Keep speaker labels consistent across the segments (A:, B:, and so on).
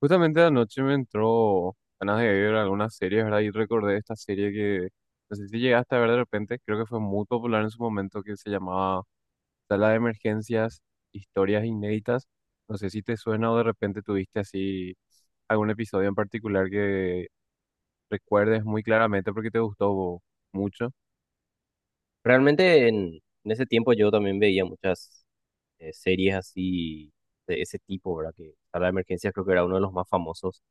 A: Justamente anoche me entró ganas de ver algunas series, ¿verdad? Y recordé esta serie que no sé si llegaste a ver de repente, creo que fue muy popular en su momento, que se llamaba Sala de Emergencias, Historias Inéditas. No sé si te suena o de repente tuviste así algún episodio en particular que recuerdes muy claramente porque te gustó mucho.
B: Realmente en ese tiempo yo también veía muchas series así de ese tipo, ¿verdad? Que a la emergencias creo que era uno de los más famosos,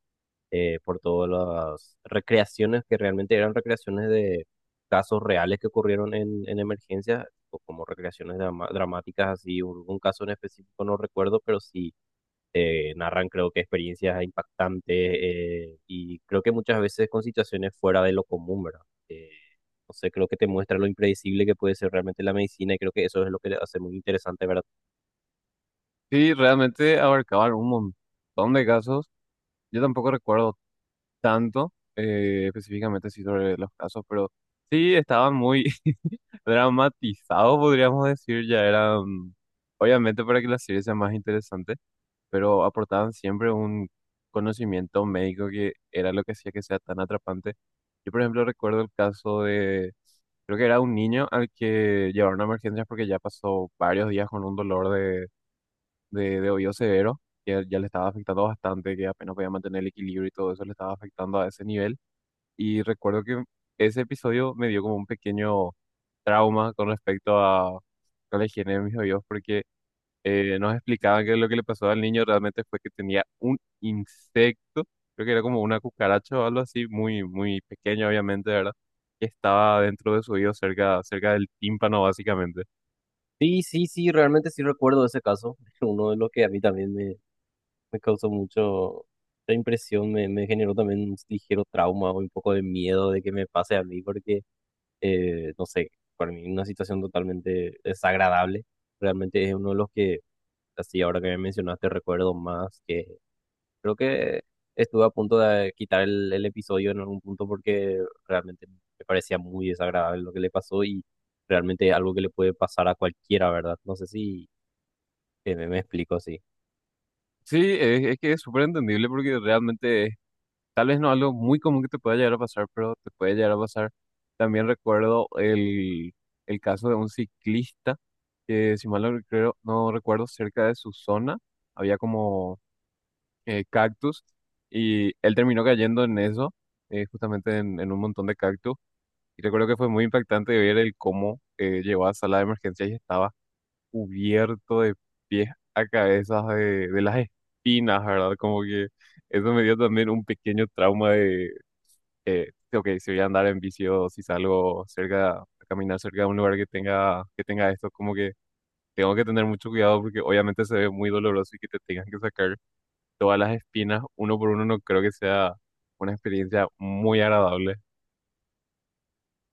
B: por todas las recreaciones que realmente eran recreaciones de casos reales que ocurrieron en emergencias, o como recreaciones dramáticas así, un caso en específico no recuerdo, pero sí narran creo que experiencias impactantes, y creo que muchas veces con situaciones fuera de lo común, ¿verdad? Eh, no sé, creo que te muestra lo impredecible que puede ser realmente la medicina y creo que eso es lo que le hace muy interesante, ¿verdad?
A: Sí, realmente abarcaban un montón de casos. Yo tampoco recuerdo tanto específicamente sí sobre los casos, pero sí estaban muy dramatizados, podríamos decir, ya eran, obviamente para que la serie sea más interesante, pero aportaban siempre un conocimiento médico que era lo que hacía que sea tan atrapante. Yo, por ejemplo, recuerdo el caso de, creo que era un niño al que llevaron a emergencias porque ya pasó varios días con un dolor de oído severo, que ya le estaba afectando bastante, que apenas podía mantener el equilibrio y todo eso le estaba afectando a ese nivel. Y recuerdo que ese episodio me dio como un pequeño trauma con respecto a la higiene de mis oídos, porque nos explicaban que lo que le pasó al niño realmente fue que tenía un insecto, creo que era como una cucaracha o algo así, muy, muy pequeño, obviamente, ¿verdad? Que estaba dentro de su oído, cerca, cerca del tímpano, básicamente.
B: Sí, sí, sí, realmente sí recuerdo ese caso, uno de los que a mí también me causó mucho. La impresión me generó también un ligero trauma o un poco de miedo de que me pase a mí porque, no sé, para mí una situación totalmente desagradable. Realmente es uno de los que. Así, ahora que me mencionaste, recuerdo más que creo que estuve a punto de quitar el episodio en algún punto porque realmente me parecía muy desagradable lo que le pasó y realmente algo que le puede pasar a cualquiera, ¿verdad? No sé si me explico así.
A: Sí, es que es súper entendible porque realmente tal vez no algo muy común que te pueda llegar a pasar, pero te puede llegar a pasar. También recuerdo el caso de un ciclista que, si mal no recuerdo, no recuerdo, cerca de su zona había como cactus y él terminó cayendo en eso, justamente en un montón de cactus. Y recuerdo que fue muy impactante ver el cómo llegó a sala de emergencia y estaba cubierto de pies a cabezas de las espinas, ¿verdad? Como que eso me dio también un pequeño trauma de, ok, si voy a andar en bici o si salgo cerca, a caminar cerca de un lugar que tenga esto, como que tengo que tener mucho cuidado porque obviamente se ve muy doloroso y que te tengan que sacar todas las espinas uno por uno, no creo que sea una experiencia muy agradable.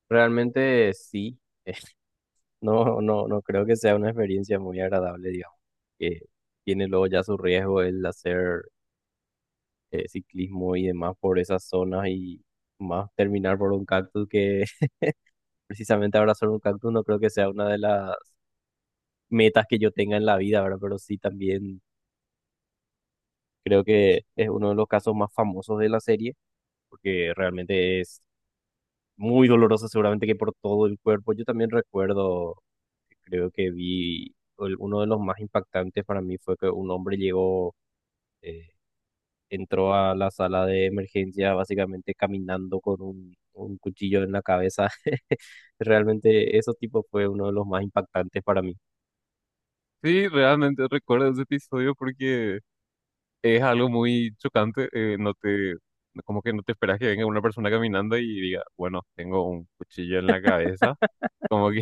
B: Realmente sí, no, no, no creo que sea una experiencia muy agradable, digamos, que tiene luego ya su riesgo el hacer ciclismo y demás por esas zonas y más terminar por un cactus que precisamente abrazar un cactus no creo que sea una de las metas que yo tenga en la vida, ¿verdad? Pero sí también creo que es uno de los casos más famosos de la serie, porque realmente es muy doloroso, seguramente que por todo el cuerpo. Yo también recuerdo, creo que vi, uno de los más impactantes para mí fue que un hombre llegó, eh, entró a la sala de emergencia básicamente caminando con un cuchillo en la cabeza. Realmente eso tipo fue uno de los más impactantes para mí.
A: Sí, realmente recuerdo ese episodio porque es algo muy chocante, no te, como que no te esperas que venga una persona caminando y diga, bueno, tengo un cuchillo en la cabeza, como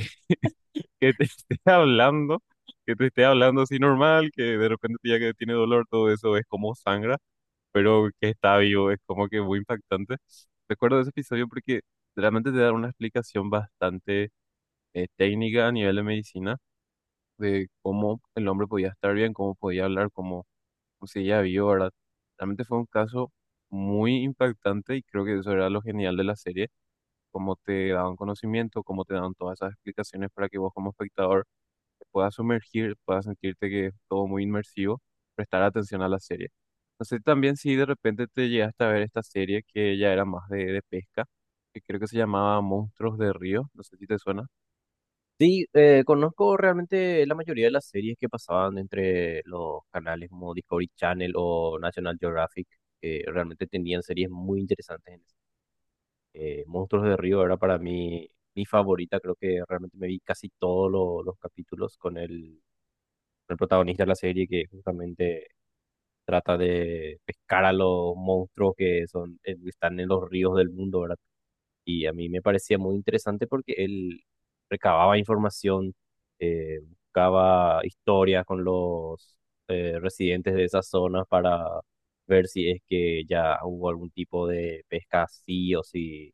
A: que te esté hablando, que te esté hablando así normal, que de repente ya que tiene dolor, todo eso es como sangra, pero que está vivo, es como que muy impactante. Recuerdo ese episodio porque realmente te da una explicación bastante técnica a nivel de medicina de cómo el hombre podía estar bien, cómo podía hablar, cómo seguía vivo, ¿verdad? Realmente fue un caso muy impactante y creo que eso era lo genial de la serie, cómo te daban conocimiento, cómo te daban todas esas explicaciones para que vos como espectador te puedas sumergir, puedas sentirte que es todo muy inmersivo, prestar atención a la serie. No sé también si de repente te llegaste a ver esta serie que ya era más de pesca, que creo que se llamaba Monstruos de Río, no sé si te suena.
B: Sí, conozco realmente la mayoría de las series que pasaban entre los canales como Discovery Channel o National Geographic, que realmente tenían series muy interesantes. Monstruos de Río era para mí mi favorita, creo que realmente me vi casi todos los capítulos con el protagonista de la serie que justamente trata de pescar a los monstruos que son, están en los ríos del mundo, ¿verdad? Y a mí me parecía muy interesante porque él recababa información, buscaba historias con los residentes de esas zonas para ver si es que ya hubo algún tipo de pesca así o si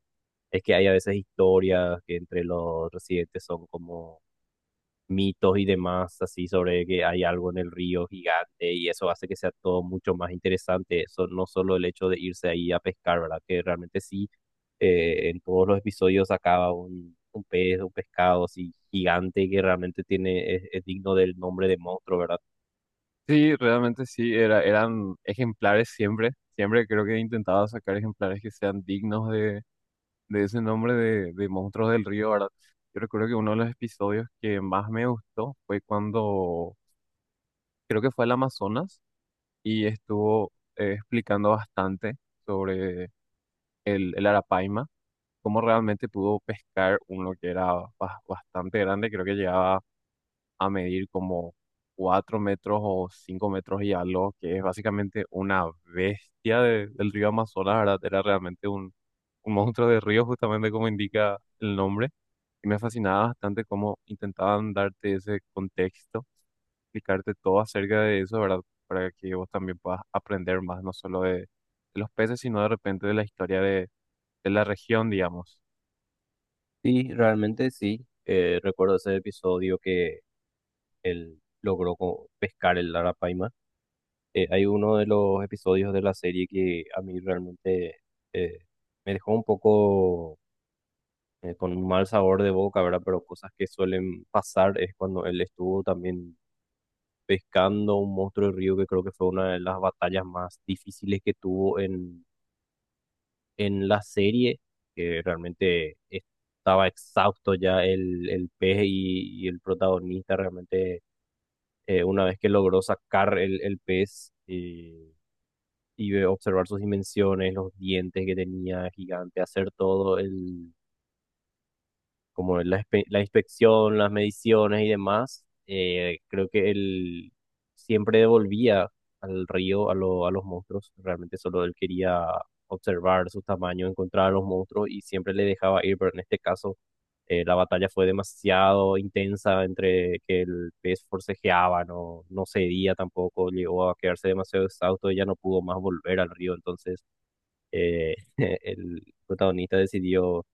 B: es que hay a veces historias que entre los residentes son como mitos y demás, así sobre que hay algo en el río gigante y eso hace que sea todo mucho más interesante. Eso no solo el hecho de irse ahí a pescar, ¿verdad? Que realmente sí, en todos los episodios acaba un pez, un pescado así gigante que realmente tiene, es digno del nombre de monstruo, ¿verdad?
A: Sí, realmente sí, era, eran ejemplares siempre, siempre creo que he intentado sacar ejemplares que sean dignos de ese nombre de Monstruos del Río, ¿verdad? Yo recuerdo que uno de los episodios que más me gustó fue cuando, creo que fue al Amazonas y estuvo explicando bastante sobre el arapaima, cómo realmente pudo pescar uno que era bastante grande, creo que llegaba a medir como 4 metros o 5 metros y algo, que es básicamente una bestia del río Amazonas, ¿verdad? Era realmente un monstruo de río, justamente como indica el nombre. Y me fascinaba bastante cómo intentaban darte ese contexto explicarte todo acerca de eso, ¿verdad? Para que vos también puedas aprender más, no solo de los peces, sino de repente de la historia de la región, digamos.
B: Sí, realmente sí. Recuerdo ese episodio que él logró pescar el arapaima. Hay uno de los episodios de la serie que a mí realmente eh, me dejó un poco, con un mal sabor de boca, ¿verdad? Pero cosas que suelen pasar es cuando él estuvo también pescando un monstruo de río que creo que fue una de las batallas más difíciles que tuvo en la serie, que realmente estaba exhausto ya el pez y el protagonista realmente, una vez que logró sacar el pez. Y observar sus dimensiones, los dientes que tenía gigante, hacer todo el, como la, la inspección, las mediciones y demás, creo que él siempre devolvía al río a, a los monstruos. Realmente solo él quería observar su tamaño, encontrar a los monstruos y siempre le dejaba ir, pero en este caso, la batalla fue demasiado intensa entre que el pez forcejeaba, no, no cedía tampoco, llegó a quedarse demasiado exhausto y ya no pudo más volver al río. Entonces, el protagonista decidió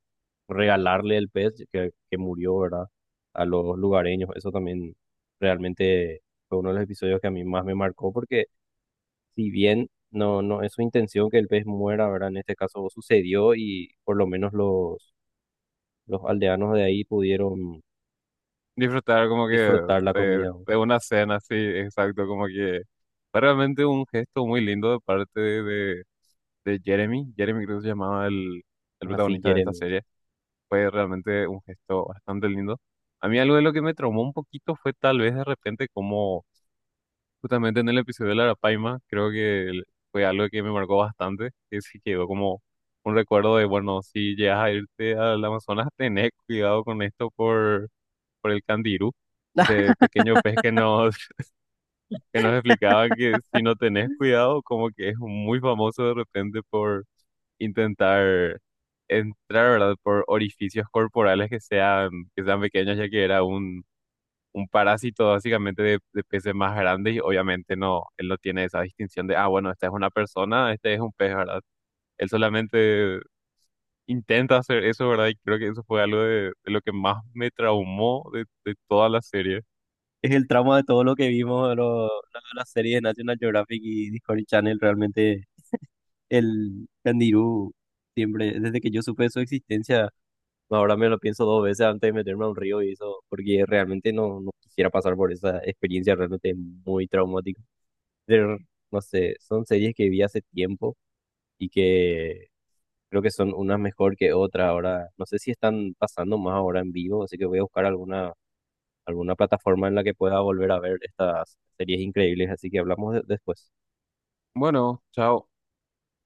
B: regalarle el pez que murió, ¿verdad? A los lugareños. Eso también realmente fue uno de los episodios que a mí más me marcó porque si bien no, no es su intención que el pez muera, ¿verdad? En este caso sucedió y por lo menos los aldeanos de ahí pudieron
A: Disfrutar como que
B: disfrutar la comida. ¿No?
A: de una cena, sí, exacto, como que fue realmente un gesto muy lindo de parte de Jeremy. Jeremy creo que se llamaba el
B: Así,
A: protagonista de esta
B: Jeremy.
A: serie. Fue realmente un gesto bastante lindo. A mí algo de lo que me traumó un poquito fue tal vez de repente como justamente en el episodio de la Arapaima, creo que fue algo que me marcó bastante, que sí quedó como un recuerdo de, bueno, si llegas a irte al Amazonas, tenés cuidado con esto por el candirú, ese pequeño pez que nos, que nos explicaba que si no tenés cuidado, como que es muy famoso de repente por intentar entrar, ¿verdad? Por orificios corporales que sean pequeños, ya que era un parásito básicamente de peces más grandes y obviamente no, él no tiene esa distinción de, ah, bueno, esta es una persona, este es un pez, ¿verdad? Él solamente intenta hacer eso, ¿verdad? Y creo que eso fue algo de lo que más me traumó de toda la serie.
B: Es el trauma de todo lo que vimos de, de la serie de National Geographic y Discovery Channel realmente. El candirú, siempre, desde que yo supe de su existencia, ahora me lo pienso dos veces antes de meterme a un río y eso, porque realmente no, no quisiera pasar por esa experiencia, realmente es muy traumática. Pero, no sé, son series que vi hace tiempo y que creo que son unas mejor que otras ahora. No sé si están pasando más ahora en vivo, así que voy a buscar alguna, alguna plataforma en la que pueda volver a ver estas series increíbles, así que hablamos después.
A: Bueno, chao.